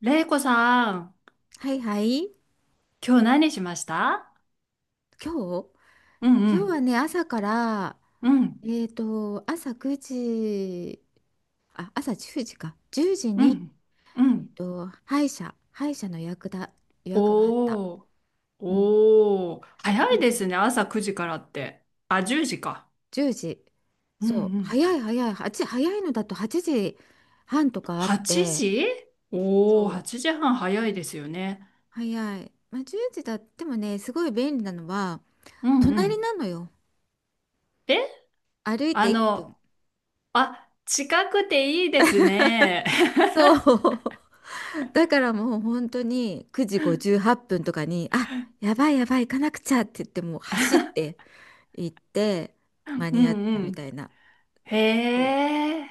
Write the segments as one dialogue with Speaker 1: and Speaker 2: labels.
Speaker 1: れいこさん、
Speaker 2: はいはい。
Speaker 1: 今日何しました
Speaker 2: 今日
Speaker 1: うんう
Speaker 2: 今日は
Speaker 1: ん。
Speaker 2: ね、朝から、
Speaker 1: うん。
Speaker 2: 朝9時、あ、朝10時か。10時
Speaker 1: う
Speaker 2: に、
Speaker 1: ん。うん。
Speaker 2: 歯医者の予約があった。
Speaker 1: おー、
Speaker 2: うん。
Speaker 1: おー、
Speaker 2: なん
Speaker 1: 早
Speaker 2: か
Speaker 1: いです
Speaker 2: ね、
Speaker 1: ね、朝9時からって。あ、10時か。
Speaker 2: 10時。
Speaker 1: うん
Speaker 2: そう、
Speaker 1: うん。
Speaker 2: 早い早い。8、早いのだと8時半とかあっ
Speaker 1: 8
Speaker 2: て、
Speaker 1: 時
Speaker 2: そ
Speaker 1: おー、
Speaker 2: う、
Speaker 1: 8時半早いですよね。
Speaker 2: 早い。まあ、10時だってもね、すごい便利なのは、
Speaker 1: うんう
Speaker 2: 隣
Speaker 1: ん。
Speaker 2: なのよ。
Speaker 1: え、
Speaker 2: 歩い
Speaker 1: あ
Speaker 2: て1分。
Speaker 1: の、あ、近くていいですね。
Speaker 2: そう。だからもう本当に9時58分とかに「あ、やばいやばい、行かなくちゃ」って言ってもう走って行って 間
Speaker 1: う
Speaker 2: に合っ
Speaker 1: んう
Speaker 2: たみた
Speaker 1: ん。
Speaker 2: いな。そ
Speaker 1: へ
Speaker 2: う、
Speaker 1: え、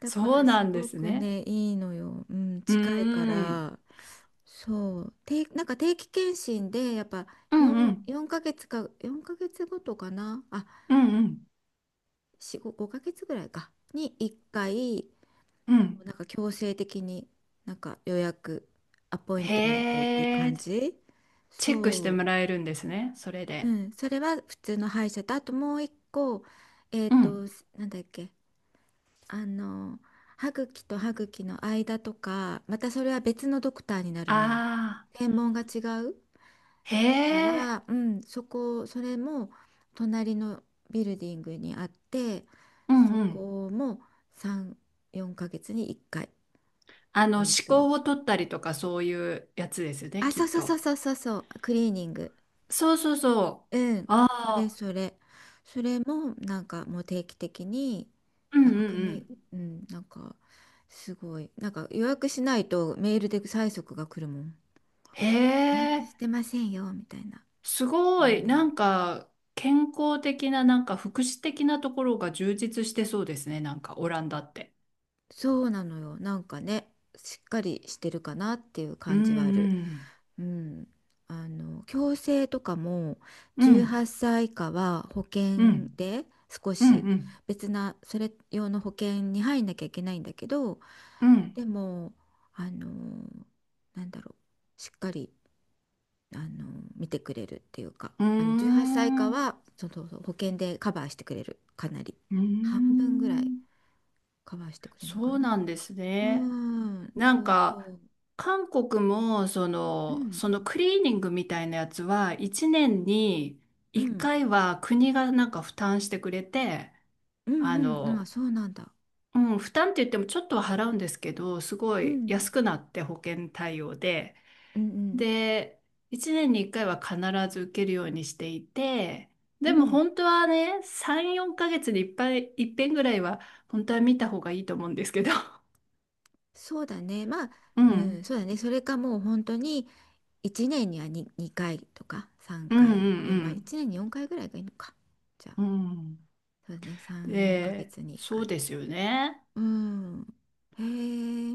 Speaker 2: だか
Speaker 1: そう
Speaker 2: ら
Speaker 1: な
Speaker 2: す
Speaker 1: んで
Speaker 2: ご
Speaker 1: す
Speaker 2: く
Speaker 1: ね。
Speaker 2: ねいいのよ、うん、
Speaker 1: うー
Speaker 2: 近いか
Speaker 1: ん。
Speaker 2: ら。そう、なんか定期検診でやっぱ
Speaker 1: うんうん。
Speaker 2: 4ヶ月か4ヶ月ごとかなあ、
Speaker 1: うんうん。
Speaker 2: 4、5、5ヶ月ぐらいかに1回、
Speaker 1: うん、
Speaker 2: なんか強制的になんかアポイン
Speaker 1: へ
Speaker 2: トメントっていう
Speaker 1: え、
Speaker 2: 感じ。
Speaker 1: チェックして
Speaker 2: そ
Speaker 1: もらえるんですね、それ
Speaker 2: う、う
Speaker 1: で。
Speaker 2: ん、それは普通の歯医者とあともう一個、えっ
Speaker 1: う
Speaker 2: と
Speaker 1: ん。
Speaker 2: なんだっけ、あの歯茎と歯茎の間とか、またそれは別のドクターになるのよ。
Speaker 1: ああ、
Speaker 2: 専門が違う
Speaker 1: へ
Speaker 2: か
Speaker 1: え、
Speaker 2: ら、うん、そこ、それも隣のビルディングにあって、
Speaker 1: う
Speaker 2: そ
Speaker 1: んうん。
Speaker 2: こも3、4ヶ月に1回。
Speaker 1: あの、思
Speaker 2: えっと
Speaker 1: 考を取ったりとかそういうやつですね、
Speaker 2: あ、
Speaker 1: き
Speaker 2: そ
Speaker 1: っ
Speaker 2: うそうそう
Speaker 1: と。
Speaker 2: そうそうそう、クリーニング。
Speaker 1: そうそうそう。
Speaker 2: うん、
Speaker 1: あ
Speaker 2: それ
Speaker 1: あ、
Speaker 2: それ。それもなんかもう定期的に、
Speaker 1: うん
Speaker 2: な
Speaker 1: う
Speaker 2: んか、
Speaker 1: んうん。
Speaker 2: うん、なんかすごい、なんか予約しないとメールで催促が来るもん。
Speaker 1: へ
Speaker 2: 予約
Speaker 1: え、
Speaker 2: してませんよ、みたいな。
Speaker 1: す
Speaker 2: う
Speaker 1: ごい。な
Speaker 2: ん、
Speaker 1: んか、健康的な、なんか福祉的なところが充実してそうですね、なんかオランダって。
Speaker 2: そうなのよ。なんかね、しっかりしてるかなっていう
Speaker 1: うん
Speaker 2: 感じはあ
Speaker 1: う
Speaker 2: る。
Speaker 1: ん。
Speaker 2: うん。あの、矯正とかも
Speaker 1: うん、
Speaker 2: 18歳以下は保
Speaker 1: うん、
Speaker 2: 険で、少
Speaker 1: うん、
Speaker 2: し
Speaker 1: うん、
Speaker 2: 別なそれ用の保険に入んなきゃいけないんだけど、
Speaker 1: うん。
Speaker 2: でも、あの、なんだろう、しっかり、あの、見てくれるっていうか、
Speaker 1: うー
Speaker 2: あの18歳以下
Speaker 1: ん。
Speaker 2: はそうそうそう保険でカバーしてくれる、かなり。
Speaker 1: うー
Speaker 2: 半分ぐらい
Speaker 1: ん、
Speaker 2: カバーしてくれるのか
Speaker 1: そう
Speaker 2: な。
Speaker 1: なんです
Speaker 2: う
Speaker 1: ね。
Speaker 2: ん、
Speaker 1: な
Speaker 2: そ
Speaker 1: ん
Speaker 2: うそ
Speaker 1: か、
Speaker 2: う。
Speaker 1: 韓国も、そ
Speaker 2: う
Speaker 1: の、
Speaker 2: ん。
Speaker 1: そのクリーニングみたいなやつは、1年に
Speaker 2: う
Speaker 1: 1
Speaker 2: ん、
Speaker 1: 回は国がなんか負担してくれて、
Speaker 2: う
Speaker 1: あ
Speaker 2: ん、うん、ああ、
Speaker 1: の、
Speaker 2: そうなんだ。
Speaker 1: うん、負担って言ってもちょっとは払うんですけど、すご
Speaker 2: う
Speaker 1: い
Speaker 2: ん、
Speaker 1: 安くなって保険対応で、
Speaker 2: うん、
Speaker 1: で、1年に1回は必ず受けるようにしていて、
Speaker 2: う
Speaker 1: で
Speaker 2: ん、う
Speaker 1: も
Speaker 2: ん、
Speaker 1: 本当はね、3、4ヶ月にいっぱい、いっぺんぐらいは本当は見た方がいいと思うんですけど。
Speaker 2: そうだね。まあ、
Speaker 1: う
Speaker 2: う
Speaker 1: ん。
Speaker 2: ん、そうだね。それかもう本当に1年には2回とか3
Speaker 1: うん
Speaker 2: 回、よんいや、まあ
Speaker 1: うん
Speaker 2: 1年に4回ぐらいがいいのか。じゃあ、
Speaker 1: うん。
Speaker 2: そうだね。
Speaker 1: うん。
Speaker 2: 3、4ヶ
Speaker 1: で、
Speaker 2: 月に1
Speaker 1: そう
Speaker 2: 回。
Speaker 1: ですよね。
Speaker 2: うん。へえ。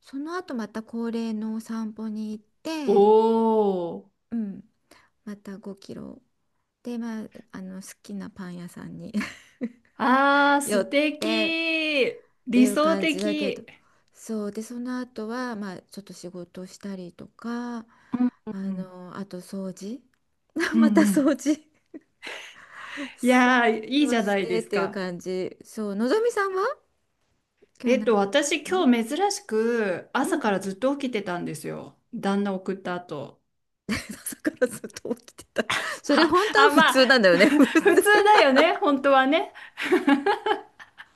Speaker 2: その後また恒例のお散歩に行っ
Speaker 1: お
Speaker 2: て、
Speaker 1: ー。
Speaker 2: うん、また5キロ。で、まあ、あの好きなパン屋さんに
Speaker 1: あー、
Speaker 2: 寄
Speaker 1: 素
Speaker 2: って
Speaker 1: 敵。
Speaker 2: って
Speaker 1: 理
Speaker 2: いう
Speaker 1: 想
Speaker 2: 感
Speaker 1: 的。
Speaker 2: じだけど。そう、でその後はまあちょっと仕事したりとか、
Speaker 1: うんうん
Speaker 2: あ
Speaker 1: うん。
Speaker 2: のあと掃除、
Speaker 1: う ん
Speaker 2: また
Speaker 1: う
Speaker 2: 掃
Speaker 1: ん。
Speaker 2: 除、
Speaker 1: いやー、いい
Speaker 2: そ
Speaker 1: じ
Speaker 2: う
Speaker 1: ゃな
Speaker 2: し
Speaker 1: い
Speaker 2: て
Speaker 1: で
Speaker 2: っ
Speaker 1: す
Speaker 2: ていう
Speaker 1: か。
Speaker 2: 感じ。そう、のぞみさんは今
Speaker 1: え
Speaker 2: 日
Speaker 1: っ
Speaker 2: 何し
Speaker 1: と、私
Speaker 2: てんの？
Speaker 1: 今日珍しく
Speaker 2: う
Speaker 1: 朝か
Speaker 2: ん。
Speaker 1: らずっと起きてたんですよ。旦那送った後。
Speaker 2: 朝からずっと起きてた？それ
Speaker 1: あ、
Speaker 2: 本当は
Speaker 1: あ、
Speaker 2: 普
Speaker 1: まあ、
Speaker 2: 通なんだよね、普通。
Speaker 1: 普通だよね、本当はね。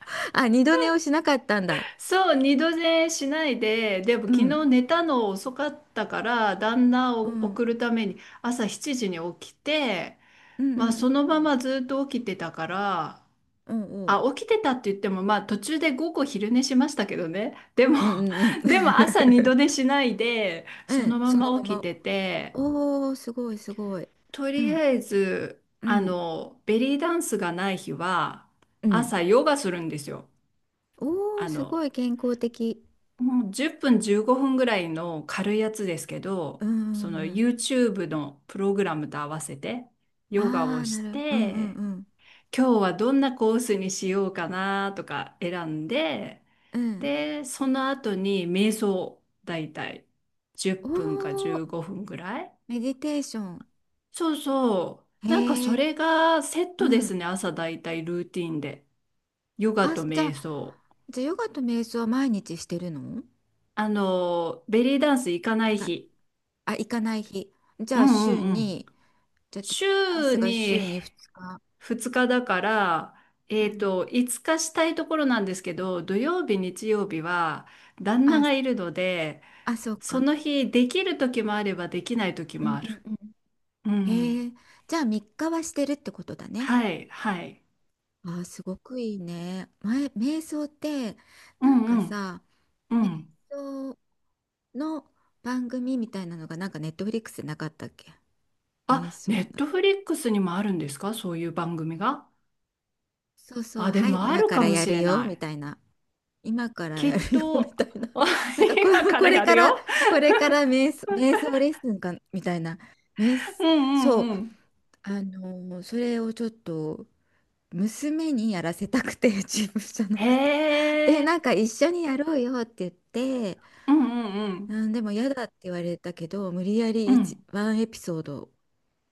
Speaker 2: あ、二度寝をしなかったんだ。
Speaker 1: そう、二度寝しないで、でも
Speaker 2: う
Speaker 1: 昨日
Speaker 2: ん
Speaker 1: 寝たの遅かったから、旦那
Speaker 2: う
Speaker 1: を
Speaker 2: ん
Speaker 1: 送るために朝7時に起きて、
Speaker 2: うん
Speaker 1: ま
Speaker 2: う
Speaker 1: あそ
Speaker 2: ん
Speaker 1: のままずっと起きてたから、
Speaker 2: うんう
Speaker 1: あ、起きてたって言っても、まあ途中で午後昼寝しましたけどね。でも、
Speaker 2: んうんうんうんうん。
Speaker 1: でも朝二度寝しないで、
Speaker 2: う
Speaker 1: その
Speaker 2: ん、
Speaker 1: ま
Speaker 2: その
Speaker 1: ま
Speaker 2: ま
Speaker 1: 起き
Speaker 2: ま。
Speaker 1: てて、
Speaker 2: おー、すごい、すごい。
Speaker 1: と
Speaker 2: う
Speaker 1: り
Speaker 2: ん、
Speaker 1: あえず、
Speaker 2: う
Speaker 1: あ
Speaker 2: ん、
Speaker 1: の、ベリーダンスがない日は、
Speaker 2: うん。
Speaker 1: 朝ヨガするんですよ。
Speaker 2: おー、
Speaker 1: あ
Speaker 2: すご
Speaker 1: の、
Speaker 2: い健康的。
Speaker 1: もう10分15分ぐらいの軽いやつですけ
Speaker 2: う
Speaker 1: ど、
Speaker 2: ん、う
Speaker 1: そ
Speaker 2: ん、
Speaker 1: の
Speaker 2: うん。
Speaker 1: YouTube のプログラムと合わせてヨガ
Speaker 2: あ
Speaker 1: を
Speaker 2: あ、な
Speaker 1: し
Speaker 2: る、うん、うん、
Speaker 1: て、
Speaker 2: うん。
Speaker 1: 今日はどんなコースにしようかなとか選んで、
Speaker 2: うん。
Speaker 1: で、その後に瞑想、だいたい10
Speaker 2: お
Speaker 1: 分か
Speaker 2: ー、
Speaker 1: 15分ぐらい。
Speaker 2: メディテーション。
Speaker 1: そうそう。なんか
Speaker 2: へ
Speaker 1: そ
Speaker 2: え、
Speaker 1: れがセッ
Speaker 2: う
Speaker 1: トです
Speaker 2: ん。
Speaker 1: ね、朝だいたいルーティンで。ヨガ
Speaker 2: あ、
Speaker 1: と
Speaker 2: じゃあ、
Speaker 1: 瞑想。
Speaker 2: じゃあヨガと瞑想は毎日してるの？
Speaker 1: あの、ベリーダンス行かな
Speaker 2: す
Speaker 1: い
Speaker 2: ごい。
Speaker 1: 日。
Speaker 2: あ、行かない日。じ
Speaker 1: う
Speaker 2: ゃあ、
Speaker 1: んう
Speaker 2: 週
Speaker 1: んうん。
Speaker 2: に、じゃあ、ペリカン
Speaker 1: 週
Speaker 2: スが
Speaker 1: に
Speaker 2: 週に2日。
Speaker 1: 2日だから、え
Speaker 2: う
Speaker 1: っ
Speaker 2: ん。
Speaker 1: と、5日したいところなんですけど、土曜日、日曜日は旦那
Speaker 2: あ、
Speaker 1: がいるので、
Speaker 2: あ、そう
Speaker 1: そ
Speaker 2: か。
Speaker 1: の日できる時もあればできない時
Speaker 2: うん、
Speaker 1: も
Speaker 2: う
Speaker 1: ある。
Speaker 2: ん、うん。
Speaker 1: うん。
Speaker 2: へえ、じゃあ、3日はしてるってことだね。
Speaker 1: はい、はい。
Speaker 2: ああ、すごくいいね。前、瞑想って、
Speaker 1: う
Speaker 2: なんか
Speaker 1: んうん。
Speaker 2: さ、
Speaker 1: うん。
Speaker 2: 瞑想の番組みたいなのが、なんかネットフリックスでなかったっけ？瞑
Speaker 1: あ、
Speaker 2: 想
Speaker 1: ネッ
Speaker 2: な。
Speaker 1: トフリックスにもあるんですか、そういう番組が。
Speaker 2: そうそう、
Speaker 1: あ、で
Speaker 2: はい、
Speaker 1: もあ
Speaker 2: 今
Speaker 1: る
Speaker 2: か
Speaker 1: か
Speaker 2: ら
Speaker 1: も
Speaker 2: や
Speaker 1: し
Speaker 2: る
Speaker 1: れ
Speaker 2: よ、
Speaker 1: な
Speaker 2: み
Speaker 1: い。
Speaker 2: たいな。今から
Speaker 1: きっ
Speaker 2: やるよ、み
Speaker 1: と、
Speaker 2: たいな。
Speaker 1: あ、
Speaker 2: なんかこれ、
Speaker 1: 今か
Speaker 2: こ
Speaker 1: ら
Speaker 2: れ
Speaker 1: やる
Speaker 2: から、
Speaker 1: よ。
Speaker 2: これから瞑想、瞑想レッスンか、みたいな。瞑想、
Speaker 1: うんう
Speaker 2: そ
Speaker 1: んう
Speaker 2: う、
Speaker 1: ん。
Speaker 2: それをちょっと、娘にやらせたくて、自分じゃな
Speaker 1: へ
Speaker 2: くて。で、な
Speaker 1: え。
Speaker 2: んか一緒にやろうよって言って、
Speaker 1: うんうんうん。
Speaker 2: うん、でも嫌だって言われたけど、無理やり
Speaker 1: うん
Speaker 2: ワンエピソード。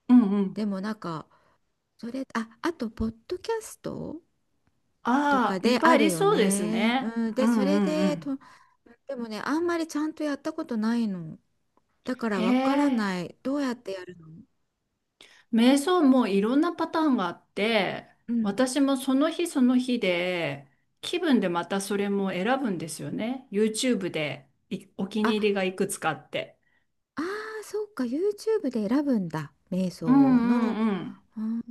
Speaker 1: うんうん。
Speaker 2: でもなんか、それ、あ、あと、ポッドキャストとか
Speaker 1: ああ、い
Speaker 2: で
Speaker 1: っぱい
Speaker 2: あ
Speaker 1: あ
Speaker 2: る
Speaker 1: り
Speaker 2: よ
Speaker 1: そうです
Speaker 2: ね。
Speaker 1: ね。
Speaker 2: うん、
Speaker 1: う
Speaker 2: で、
Speaker 1: んう
Speaker 2: そ
Speaker 1: ん
Speaker 2: れ
Speaker 1: う
Speaker 2: で、と、
Speaker 1: ん。
Speaker 2: でもね、あんまりちゃんとやったことないの。だから
Speaker 1: へ
Speaker 2: わからな
Speaker 1: え。
Speaker 2: い。どうやってやるの？
Speaker 1: 瞑想もいろんなパターンがあって、
Speaker 2: うん。
Speaker 1: 私もその日その日で、気分でまたそれも選ぶんですよね。YouTube でいお気に入り
Speaker 2: あ、
Speaker 1: がいくつかあって。
Speaker 2: あー、そうか、YouTube で選ぶんだ。瞑
Speaker 1: う
Speaker 2: 想
Speaker 1: んう
Speaker 2: の。
Speaker 1: んうん。
Speaker 2: うん、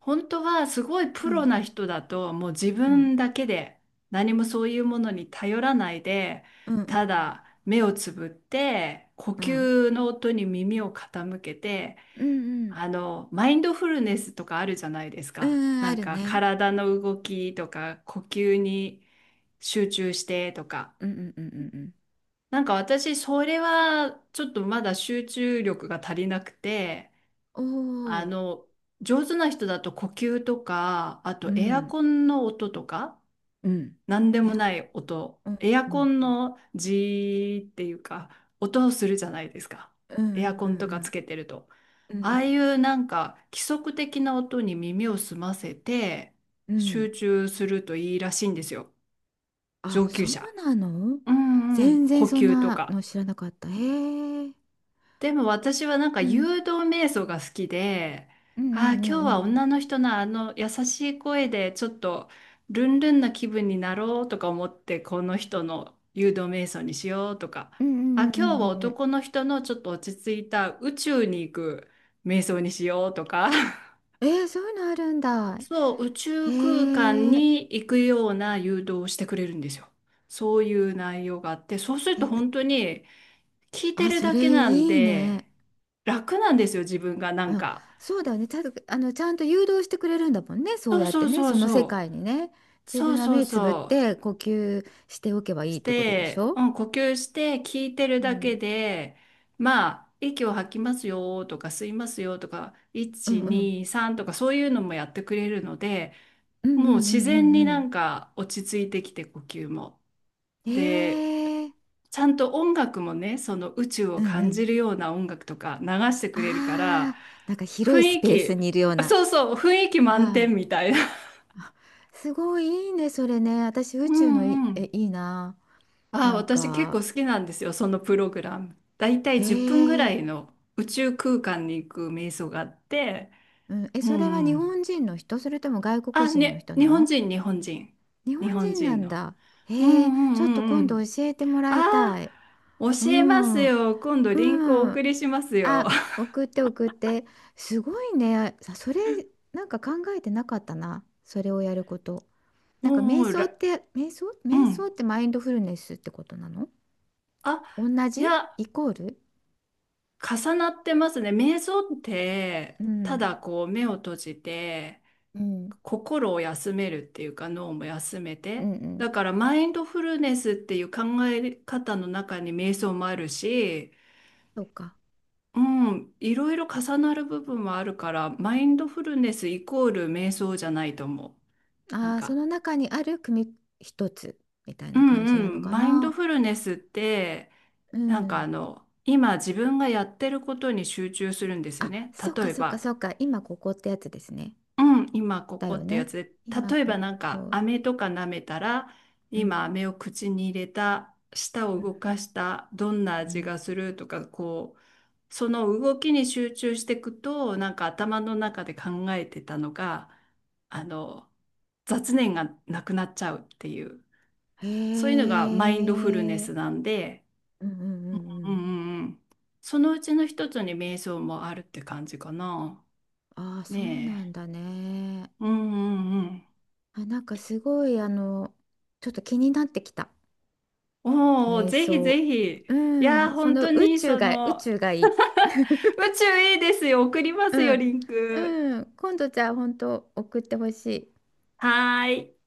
Speaker 1: 本当はすごい
Speaker 2: う
Speaker 1: プロ
Speaker 2: ん、
Speaker 1: な人だと、もう自
Speaker 2: うん、
Speaker 1: 分だけで何もそういうものに頼らないで、
Speaker 2: うん、うん、
Speaker 1: ただ目をつぶって呼
Speaker 2: うん、うん、
Speaker 1: 吸の音に耳を傾けて、
Speaker 2: うん、
Speaker 1: あのマインドフルネスとかあるじゃないです
Speaker 2: う
Speaker 1: か。
Speaker 2: ん、うん、
Speaker 1: な
Speaker 2: あ
Speaker 1: ん
Speaker 2: る
Speaker 1: か
Speaker 2: ね。
Speaker 1: 体の動きとか呼吸に集中してとか。
Speaker 2: うん、うん、うん、うん。うん。
Speaker 1: なんか私それはちょっとまだ集中力が足りなくて。
Speaker 2: お
Speaker 1: あ
Speaker 2: お。
Speaker 1: の、上手な人だと呼吸とか、あ
Speaker 2: う
Speaker 1: とエア
Speaker 2: ん、
Speaker 1: コンの音とか、
Speaker 2: うん。
Speaker 1: なんで
Speaker 2: エ
Speaker 1: も
Speaker 2: ア
Speaker 1: ない音、
Speaker 2: コン、
Speaker 1: エア
Speaker 2: う
Speaker 1: コ
Speaker 2: ん、
Speaker 1: ン
Speaker 2: うん、
Speaker 1: のジーっていうか、音をするじゃないですか。
Speaker 2: う
Speaker 1: エ
Speaker 2: ん、
Speaker 1: アコ
Speaker 2: う
Speaker 1: ンとかつ
Speaker 2: ん、
Speaker 1: けてると。
Speaker 2: うん、う
Speaker 1: ああ
Speaker 2: ん、
Speaker 1: いうなんか規則的な音に耳を澄ませて
Speaker 2: うん、うん。
Speaker 1: 集中するといいらしいんですよ。
Speaker 2: あ、
Speaker 1: 上級
Speaker 2: そう
Speaker 1: 者。
Speaker 2: なの？
Speaker 1: うんうん。
Speaker 2: 全然
Speaker 1: 呼
Speaker 2: そん
Speaker 1: 吸と
Speaker 2: なの
Speaker 1: か。
Speaker 2: 知らなかった。へえ。
Speaker 1: でも私はなんか
Speaker 2: うん、
Speaker 1: 誘導瞑想が好きで、
Speaker 2: うん、う
Speaker 1: ああ、今日は
Speaker 2: ん、うん、
Speaker 1: 女の人のあの優しい声でちょっとルンルンな気分になろうとか思って、この人の誘導瞑想にしようとか、
Speaker 2: うん、う
Speaker 1: あ、
Speaker 2: ん、うん、う
Speaker 1: 今
Speaker 2: ん、
Speaker 1: 日
Speaker 2: う
Speaker 1: は
Speaker 2: んうんうん。
Speaker 1: 男の人のちょっと落ち着いた宇宙に行く瞑想にしようとか、
Speaker 2: えー、そういうのあるんだ。
Speaker 1: そう、宇
Speaker 2: へ
Speaker 1: 宙空間
Speaker 2: え。
Speaker 1: に行くような誘導をしてくれるんですよ。そういう内容があって、そうすると本
Speaker 2: え、
Speaker 1: 当に聞いて
Speaker 2: あ、
Speaker 1: る
Speaker 2: そ
Speaker 1: だ
Speaker 2: れ
Speaker 1: けなん
Speaker 2: いいね。
Speaker 1: で、楽なんですよ、自分がなん
Speaker 2: うん、
Speaker 1: か。
Speaker 2: そうだよね。ちゃんと、あの、ちゃんと誘導してくれるんだもんね。そう
Speaker 1: そう
Speaker 2: やっ
Speaker 1: そ
Speaker 2: て
Speaker 1: う
Speaker 2: ね、
Speaker 1: そう
Speaker 2: その世
Speaker 1: そ
Speaker 2: 界にね。
Speaker 1: う。
Speaker 2: 自
Speaker 1: そ
Speaker 2: 分
Speaker 1: う
Speaker 2: は
Speaker 1: そう
Speaker 2: 目つぶっ
Speaker 1: そ
Speaker 2: て呼吸しておけば
Speaker 1: う。
Speaker 2: いい
Speaker 1: し
Speaker 2: ってことでし
Speaker 1: て、う
Speaker 2: ょ？
Speaker 1: ん、呼吸して聞いてる
Speaker 2: う
Speaker 1: だけ
Speaker 2: ん
Speaker 1: で、まあ、息を吐きますよとか吸いますよとか、
Speaker 2: うん
Speaker 1: 1、
Speaker 2: うん。
Speaker 1: 2、3とかそういうのもやってくれるので、
Speaker 2: うんう
Speaker 1: もう
Speaker 2: んう
Speaker 1: 自
Speaker 2: んう
Speaker 1: 然に
Speaker 2: んう
Speaker 1: な
Speaker 2: ん。
Speaker 1: んか落ち着いてきて呼吸も。で、
Speaker 2: ええ、
Speaker 1: ちゃんと音楽もね、その宇宙
Speaker 2: う
Speaker 1: を
Speaker 2: んう
Speaker 1: 感
Speaker 2: ん。
Speaker 1: じるような音楽とか流してくれるか
Speaker 2: あ
Speaker 1: ら、
Speaker 2: あ、なんか広
Speaker 1: 雰
Speaker 2: いス
Speaker 1: 囲
Speaker 2: ペースに
Speaker 1: 気、
Speaker 2: いるような。
Speaker 1: そうそう、雰囲気満点
Speaker 2: ああ、
Speaker 1: みたいな。
Speaker 2: すごいいいね、それね。私、宇
Speaker 1: う
Speaker 2: 宙のい、
Speaker 1: んう
Speaker 2: え、
Speaker 1: ん。
Speaker 2: いいな。
Speaker 1: ああ、
Speaker 2: なん
Speaker 1: 私結
Speaker 2: か、
Speaker 1: 構好きなんですよ、そのプログラム。だいたい10分ぐら
Speaker 2: ええ、
Speaker 1: いの宇宙空間に行く瞑想があって、
Speaker 2: うん、え、
Speaker 1: う
Speaker 2: それは
Speaker 1: ん
Speaker 2: 日
Speaker 1: うん。
Speaker 2: 本人の人、それとも外国
Speaker 1: あ、
Speaker 2: 人の
Speaker 1: ね、
Speaker 2: 人な
Speaker 1: 日本
Speaker 2: の？
Speaker 1: 人、日本人。
Speaker 2: 日
Speaker 1: 日
Speaker 2: 本
Speaker 1: 本
Speaker 2: 人な
Speaker 1: 人
Speaker 2: ん
Speaker 1: の。
Speaker 2: だ。
Speaker 1: うんう
Speaker 2: ええ、ちょっ
Speaker 1: ん
Speaker 2: と
Speaker 1: うんう
Speaker 2: 今度
Speaker 1: ん。
Speaker 2: 教えてもらい
Speaker 1: ああ、
Speaker 2: たい。う
Speaker 1: 教えます
Speaker 2: ん、う
Speaker 1: よ。今度リンクをお
Speaker 2: ん。
Speaker 1: 送りしますよ。
Speaker 2: あ、送って送って。すごいね。さ、それ、なんか考えてなかったな。それをやること。なんか
Speaker 1: お
Speaker 2: 瞑
Speaker 1: ー
Speaker 2: 想っ
Speaker 1: ら、
Speaker 2: て、瞑想
Speaker 1: う
Speaker 2: 瞑想
Speaker 1: ん。
Speaker 2: ってマインドフルネスってことなの？
Speaker 1: あ、
Speaker 2: 同
Speaker 1: い
Speaker 2: じ
Speaker 1: や、
Speaker 2: イコール。
Speaker 1: 重なってますね。瞑想って、
Speaker 2: う
Speaker 1: た
Speaker 2: ん。
Speaker 1: だこう目を閉じて、
Speaker 2: うん。
Speaker 1: 心を休めるっていうか脳も休め
Speaker 2: う
Speaker 1: て、
Speaker 2: んうん。
Speaker 1: だからマインドフルネスっていう考え方の中に瞑想もあるし、
Speaker 2: そうか。
Speaker 1: うん、いろいろ重なる部分もあるから、マインドフルネスイコール瞑想じゃないと思う。なん
Speaker 2: ああ、そ
Speaker 1: か、
Speaker 2: の中にある一つみたい
Speaker 1: う
Speaker 2: な感じ
Speaker 1: ん
Speaker 2: なの
Speaker 1: うん、
Speaker 2: か
Speaker 1: マインド
Speaker 2: な。
Speaker 1: フルネスって、
Speaker 2: う
Speaker 1: なんかあ
Speaker 2: ん。
Speaker 1: の、今自分がやってることに集中するんですよ
Speaker 2: あ、
Speaker 1: ね。
Speaker 2: そっか
Speaker 1: 例え
Speaker 2: そっか
Speaker 1: ば、
Speaker 2: そっか。今ここってやつですね。
Speaker 1: うん、今こ
Speaker 2: だ
Speaker 1: こ
Speaker 2: よ
Speaker 1: ってや
Speaker 2: ね。
Speaker 1: つで、
Speaker 2: 今
Speaker 1: 例え
Speaker 2: こ
Speaker 1: ばなんか
Speaker 2: こ。
Speaker 1: 飴とか舐めたら、
Speaker 2: うん。
Speaker 1: 今飴を口に入れた、舌を
Speaker 2: うん。
Speaker 1: 動かした、どんな
Speaker 2: う
Speaker 1: 味
Speaker 2: ん。
Speaker 1: がするとか、こう、その動きに集中していくと、なんか頭の中で考えてたのが、あの、雑念がなくなっちゃうっていう、
Speaker 2: へ
Speaker 1: そういうのがマインドフルネ
Speaker 2: え。
Speaker 1: スなんで、
Speaker 2: うんうんうんう
Speaker 1: うんう
Speaker 2: ん。
Speaker 1: んうん。そのうちの一つに瞑想もあるって感じかな。
Speaker 2: ああ、そうな
Speaker 1: ね
Speaker 2: ん
Speaker 1: え。
Speaker 2: だね。
Speaker 1: うんうんうん。
Speaker 2: あ、なんかすごい、あの、ちょっと気になってきた。
Speaker 1: おお、
Speaker 2: 瞑
Speaker 1: ぜひ
Speaker 2: 想。
Speaker 1: ぜひ。
Speaker 2: う
Speaker 1: いやー、
Speaker 2: ん。そ
Speaker 1: 本
Speaker 2: の
Speaker 1: 当
Speaker 2: 宇
Speaker 1: に
Speaker 2: 宙
Speaker 1: そ
Speaker 2: が、宇
Speaker 1: の、
Speaker 2: 宙がいい。
Speaker 1: 宇宙いいですよ。送ります
Speaker 2: う
Speaker 1: よ、リ
Speaker 2: ん。
Speaker 1: ンク。
Speaker 2: うん。今度じゃあ本当送ってほしい。
Speaker 1: はーい。